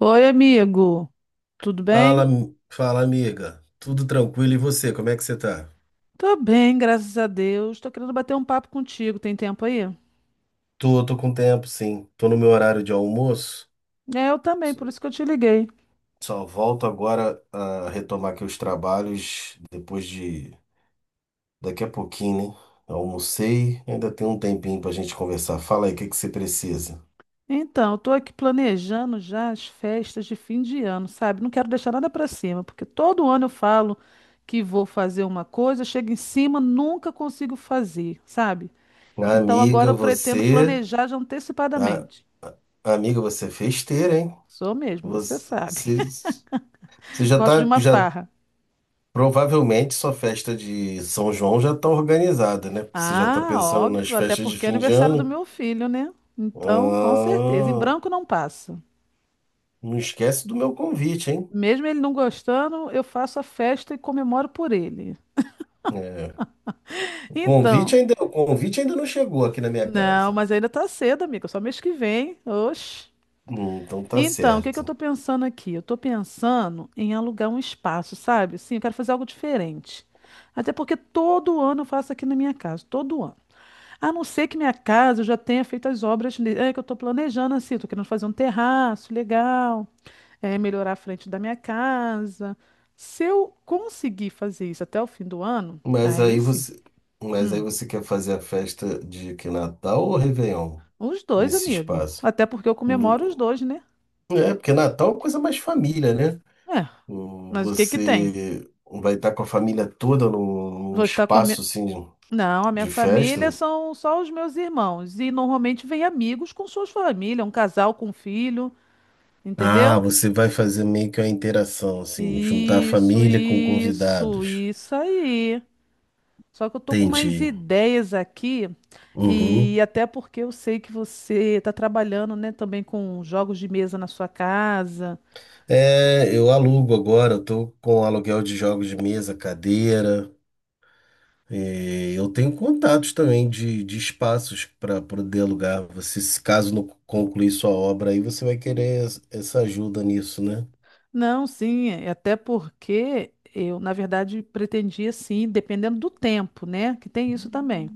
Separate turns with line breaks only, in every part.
Oi, amigo. Tudo
Fala,
bem?
am- fala, amiga. Tudo tranquilo? E você, como é que você tá?
Tô bem, graças a Deus. Tô querendo bater um papo contigo. Tem tempo aí?
Tô, com tempo, sim. Tô no meu horário de almoço.
É, eu também,
Só
por isso que eu te liguei.
só volto agora a retomar aqui os trabalhos depois de daqui a pouquinho, né? Almocei, ainda tem um tempinho pra gente conversar. Fala aí, o que que você precisa?
Então, eu tô aqui planejando já as festas de fim de ano, sabe? Não quero deixar nada pra cima, porque todo ano eu falo que vou fazer uma coisa, chego em cima, nunca consigo fazer, sabe? Então agora
Amiga,
eu pretendo
você,
planejar já
a-
antecipadamente.
amiga, você é festeira, hein?
Sou mesmo, você sabe.
Você, você você já
Gosto de
tá,
uma
já
farra.
Provavelmente sua festa de São João já está organizada, né? Porque você já está
Ah,
pensando nas
óbvio, até
festas de
porque é
fim de
aniversário do
ano.
meu filho, né? Então, com certeza, em
Ah,
branco não passa.
não esquece do meu convite, hein?
Mesmo ele não gostando, eu faço a festa e comemoro por ele.
É, o convite
Então,
ainda, o convite ainda não chegou aqui na minha
não,
casa.
mas ainda tá cedo, amiga, só mês que vem. Oxe.
Então tá
Então, o que que eu tô
certo.
pensando aqui? Eu tô pensando em alugar um espaço, sabe? Sim, eu quero fazer algo diferente. Até porque todo ano eu faço aqui na minha casa, todo ano. A não ser que minha casa eu já tenha feito as obras é, que eu estou planejando assim, tô querendo fazer um terraço legal, é, melhorar a frente da minha casa. Se eu conseguir fazer isso até o fim do ano,
Mas
aí
aí
sim.
você, mas aí
Hum,
você quer fazer a festa de que Natal ou Réveillon
os dois,
nesse
amigo.
espaço?
Até porque eu comemoro os
No-
dois, né?
É, porque Natal é uma coisa mais família, né?
É, mas o que que tem?
Você vai estar com a família toda num
Vou estar com a minha.
espaço assim
Não, a minha
de
família
festa?
são só os meus irmãos. E normalmente vem amigos com suas famílias, um casal com um filho,
Ah,
entendeu?
você vai fazer meio que uma interação, assim, juntar a
Isso,
família com
isso,
convidados.
isso aí. Só que eu tô com mais
Entendi.
ideias aqui,
Uhum.
e até porque eu sei que você tá trabalhando, né, também com jogos de mesa na sua casa.
É, eu alugo agora, eu tô com aluguel de jogos de mesa, cadeira. E eu tenho contatos também de espaços para poder alugar. Você, se caso não concluir sua obra aí, você vai querer essa ajuda nisso, né?
Não, sim, é até porque eu, na verdade, pretendia sim, dependendo do tempo, né? Que tem isso também.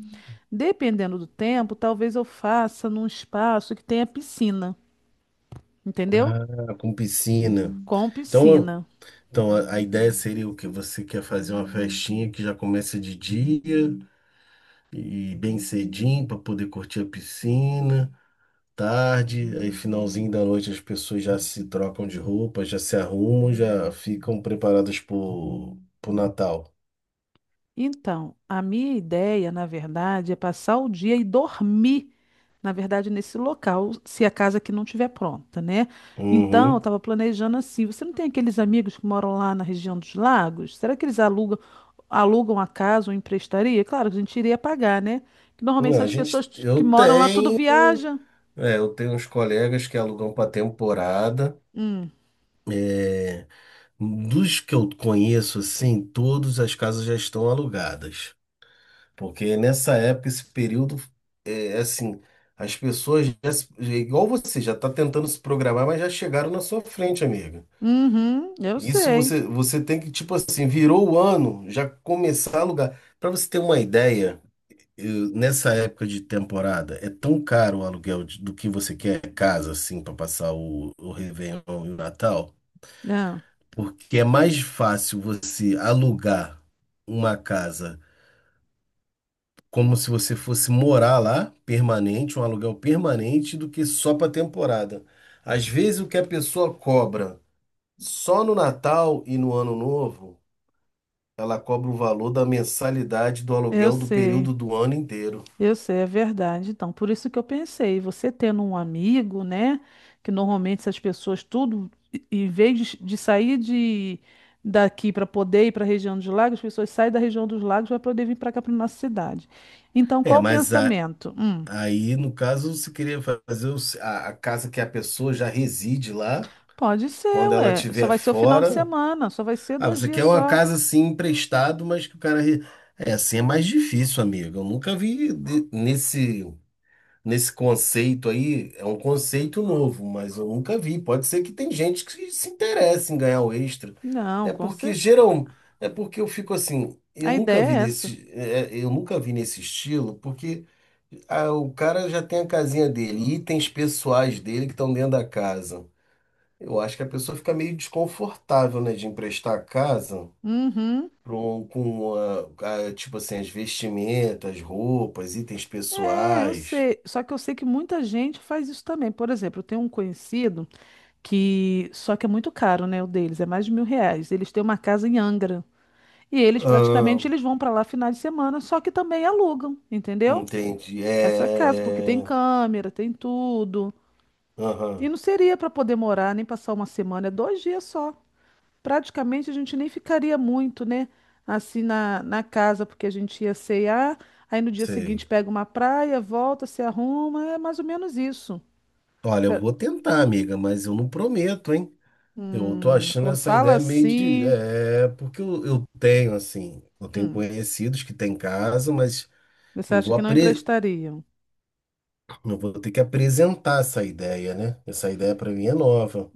Dependendo do tempo, talvez eu faça num espaço que tenha piscina, entendeu?
Ah, com piscina.
Com
Então,
piscina.
então, a ideia seria: o que você quer fazer? Uma festinha que já começa de dia e bem cedinho para poder curtir a piscina, tarde, aí finalzinho da noite as pessoas já se trocam de roupa, já se arrumam, já ficam preparadas para o Natal.
Então, a minha ideia, na verdade, é passar o dia e dormir, na verdade, nesse local, se a casa aqui não estiver pronta, né? Então, eu
Uhum.
estava planejando assim. Você não tem aqueles amigos que moram lá na região dos lagos? Será que eles alugam a casa ou emprestaria? Claro, que a gente iria pagar, né? Que normalmente
Não, a
essas pessoas
gente,
que
eu
moram lá tudo
tenho,
viajam.
é, eu tenho uns colegas que alugam para temporada.
Hum.
É, dos que eu conheço, assim, todas as casas já estão alugadas. Porque nessa época, esse período, é assim, as pessoas já, é igual você, já está tentando se programar, mas já chegaram na sua frente, amiga.
Uhum, eu
Isso
sei.
você, você tem que, tipo assim, virou o ano, já começar a alugar. Para você ter uma ideia, nessa época de temporada, é tão caro o aluguel do que você quer, casa, assim, para passar o Réveillon e o Natal,
É,
porque é mais fácil você alugar uma casa como se você fosse morar lá, permanente, um aluguel permanente, do que só para temporada. Às vezes o que a pessoa cobra só no Natal e no Ano Novo, ela cobra o valor da mensalidade do
eu
aluguel do
sei.
período do ano inteiro.
Eu sei, é verdade. Então, por isso que eu pensei, você tendo um amigo, né? Que normalmente essas pessoas tudo, em vez de sair de daqui para poder ir para a região dos lagos, as pessoas saem da região dos lagos para poder vir para cá para nossa cidade. Então,
É,
qual o
mas
pensamento? Hum,
aí, no caso, você queria fazer o se- a casa que a pessoa já reside lá,
pode ser,
quando ela
ué. Só
estiver
vai ser o final de
fora.
semana, só vai ser
Ah,
dois
você quer
dias
uma
só.
casa assim emprestado, mas que o cara, é, assim é mais difícil, amigo. Eu nunca vi nesse. Conceito aí, é um conceito novo, mas eu nunca vi. Pode ser que tem gente que se interesse em ganhar o extra.
Não.
É porque geral, é porque eu fico assim,
A ideia é essa.
eu nunca vi nesse estilo, porque o cara já tem a casinha dele, itens pessoais dele que estão dentro da casa. Eu acho que a pessoa fica meio desconfortável, né, de emprestar a casa.
Uhum.
Com tipo assim, as vestimentas, roupas, itens
É, eu
pessoais.
sei. Só que eu sei que muita gente faz isso também. Por exemplo, eu tenho um conhecido. Que só que é muito caro, né, o deles, é mais de R$ 1.000. Eles têm uma casa em Angra e eles praticamente eles vão para lá final de semana, só que também alugam, entendeu?
Entendi.
Essa casa, porque
É,
tem
é.
câmera, tem tudo. E
Aham.
não seria para poder morar nem passar uma semana, é 2 dias só. Praticamente a gente nem ficaria muito, né, assim na casa, porque a gente ia cear, aí no dia
Sei.
seguinte pega uma praia, volta, se arruma, é mais ou menos isso.
Olha, eu
Se-
vou tentar, amiga, mas eu não prometo, hein? Eu tô
Hum,
achando
quando
essa
fala
ideia meio de.
assim.
É, porque eu tenho, assim, eu tenho
Hum.
conhecidos que têm casa, mas
Você
eu
acha
vou,
que não
apre...
emprestariam?
eu vou ter que apresentar essa ideia, né? Essa ideia para mim é nova.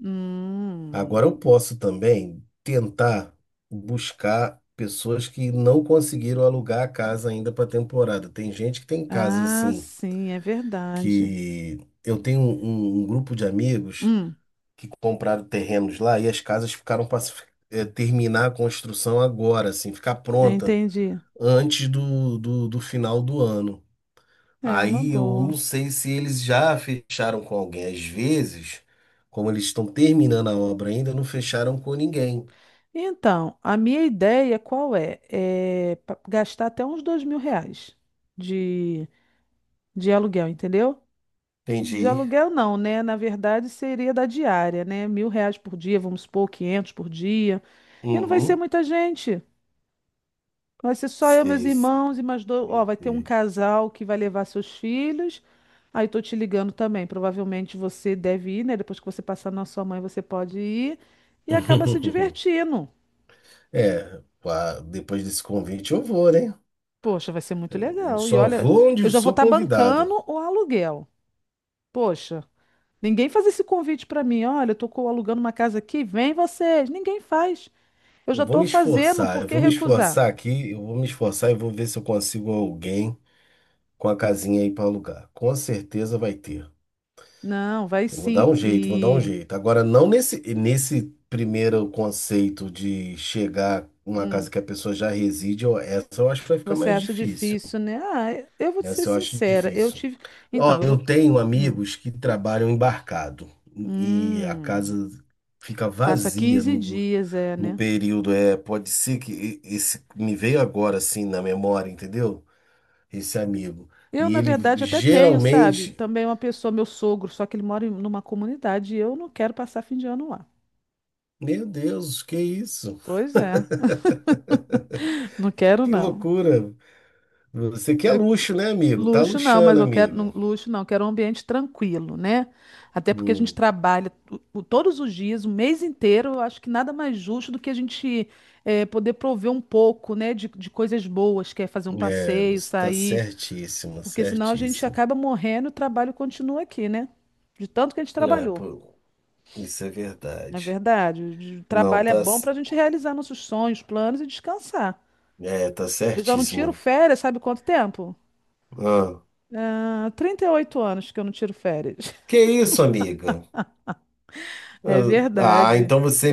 Agora
Hum.
eu posso também tentar buscar pessoas que não conseguiram alugar a casa ainda para temporada. Tem gente que tem casa
Ah,
assim
sim, é verdade.
que, eu tenho um grupo de amigos
Hum,
que compraram terrenos lá e as casas ficaram para terminar a construção agora, assim, ficar
eu
pronta
entendi.
antes do final do ano.
É uma
Aí eu não
boa.
sei se eles já fecharam com alguém. Às vezes, como eles estão terminando a obra ainda, não fecharam com ninguém.
Então, a minha ideia qual é? É gastar até uns R$ 2.000 de, de aluguel, entendeu? De
Entendi.
aluguel não, né? Na verdade, seria da diária, né? R$ 1.000 por dia, vamos supor, 500 por dia. E não vai ser
Uhum.
muita gente. Vai ser só eu, meus
Sei,
irmãos
sei,
e mais dois. Ó,
sei,
vai ter um
sei.
casal que vai levar seus filhos. Aí tô te ligando também. Provavelmente você deve ir, né? Depois que você passar na sua mãe, você pode ir. E acaba se divertindo.
É, pá, depois desse convite eu vou, né?
Poxa, vai ser muito
Eu
legal. E
só
olha,
vou onde
eu
eu
já vou
sou
estar
convidado.
bancando o aluguel. Poxa, ninguém faz esse convite para mim. Olha, eu tô alugando uma casa aqui, vem vocês. Ninguém faz. Eu
Eu
já
vou
tô
me
fazendo,
esforçar,
por
eu
que
vou me
recusar?
esforçar aqui, eu vou me esforçar e vou ver se eu consigo alguém com a casinha aí para alugar. Com certeza vai ter.
Não, vai
Eu vou dar
sim.
um jeito, vou dar um
E.
jeito. Agora, não nesse primeiro conceito de chegar uma
Hum.
casa que a pessoa já reside, essa eu acho que vai ficar
Você
mais
acha
difícil.
difícil, né? Ah, eu vou te ser
Essa eu acho
sincera, eu
difícil.
tive. Então,
Ó,
eu
eu
vou.
tenho
Hum,
amigos que trabalham embarcado e a
hum,
casa fica
passa
vazia
15
não,
dias, é,
no
né?
período, pode ser que esse me veio agora assim na memória, entendeu? Esse amigo.
Eu,
E
na
ele
verdade, até tenho, sabe?
geralmente,
Também uma pessoa, meu sogro, só que ele mora em numa comunidade e eu não quero passar fim de ano lá.
meu Deus, que isso?
Pois é, não quero
Que
não.
loucura. Você quer luxo, né, amigo? Tá
Luxo não, mas
luxando,
eu quero
amiga.
luxo não, eu quero um ambiente tranquilo, né? Até porque a gente
Hum,
trabalha todos os dias, o mês inteiro, eu acho que nada mais justo do que a gente poder prover um pouco, né, de coisas boas, que é fazer um
é,
passeio,
você tá
sair,
certíssima,
porque senão a gente
certíssima.
acaba morrendo e o trabalho continua aqui, né? De tanto que a gente
É,
trabalhou,
pô, isso é
na
verdade.
verdade. O
Não,
trabalho é
tá,
bom para a gente realizar nossos sonhos, planos e descansar.
é, tá
Eu já não tiro
certíssima.
férias, sabe quanto tempo?
Ah,
Ah, 38 anos que eu não tiro férias.
que isso, amiga?
É
Ah,
verdade.
então você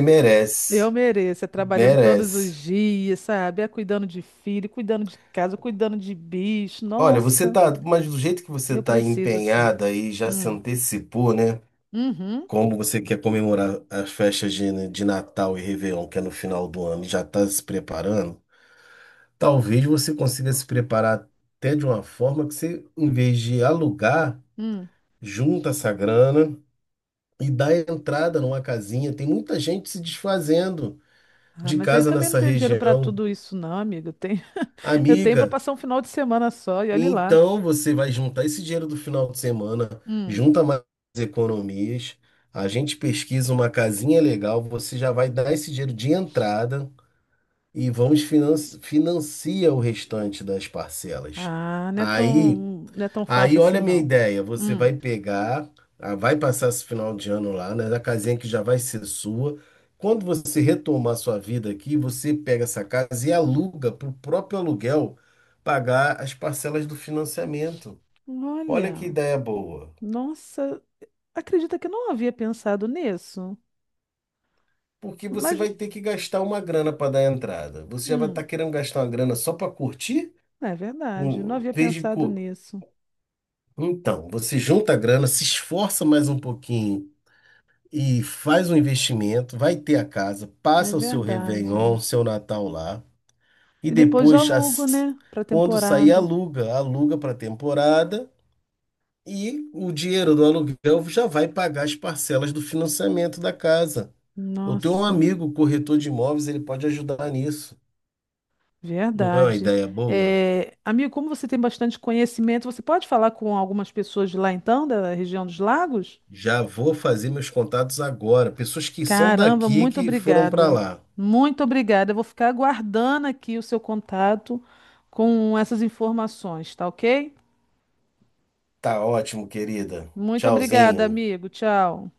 Eu
merece.
mereço, é trabalhando todos os
Merece.
dias, sabe? É cuidando de filho, cuidando de casa, cuidando de bicho.
Olha,
Nossa,
mas do jeito que você
eu
tá
preciso sim.
empenhada e já se
Hum.
antecipou, né?
Uhum.
Como você quer comemorar as festas né, de Natal e Réveillon, que é no final do ano, e já está se preparando, talvez você consiga se preparar até de uma forma que você, em vez de alugar,
Hum.
junta essa grana e dá entrada numa casinha. Tem muita gente se desfazendo
Ah,
de
mas eu
casa
também não
nessa
tenho dinheiro para
região.
tudo isso, não, amiga. Eu tenho, eu tenho para
Amiga.
passar um final de semana só e
E
olhe lá.
então você vai juntar esse dinheiro do final de semana,
Hum.
junta mais economias, a gente pesquisa uma casinha legal, você já vai dar esse dinheiro de entrada e vamos financia o restante das parcelas.
Ah, não é tão,
Aí
não é tão fácil
Aí,
assim,
olha a minha
não.
ideia: você vai
Hum.
pegar, vai passar esse final de ano lá, né, na casinha que já vai ser sua. Quando você retomar sua vida aqui, você pega essa casa e aluga, para o próprio aluguel pagar as parcelas do financiamento. Olha que
Olha,
ideia boa!
nossa, acredita que eu não havia pensado nisso.
Porque você
Mas,
vai ter que gastar uma grana para dar entrada. Você já vai estar
hum.
querendo gastar uma grana só para curtir?
É verdade, não
Um, em
havia
vez de
pensado
cu-
nisso.
Então, você junta a grana, se esforça mais um pouquinho e faz um investimento, vai ter a casa,
É
passa o seu
verdade.
Réveillon, seu Natal lá, e
E depois eu
depois,
alugo, né, para
quando sair,
temporada.
aluga, para temporada e o dinheiro do aluguel já vai pagar as parcelas do financiamento da casa. Eu tenho um
Nossa,
amigo corretor de imóveis, ele pode ajudar nisso. Não é uma
verdade.
ideia boa?
É, amigo, como você tem bastante conhecimento, você pode falar com algumas pessoas de lá então, da região dos lagos?
Já vou fazer meus contatos agora. Pessoas que são
Caramba,
daqui
muito
que foram para
obrigada.
lá.
Muito obrigada. Eu vou ficar aguardando aqui o seu contato com essas informações, tá ok?
Tá ótimo, querida.
Muito obrigada,
Tchauzinho.
amigo. Tchau.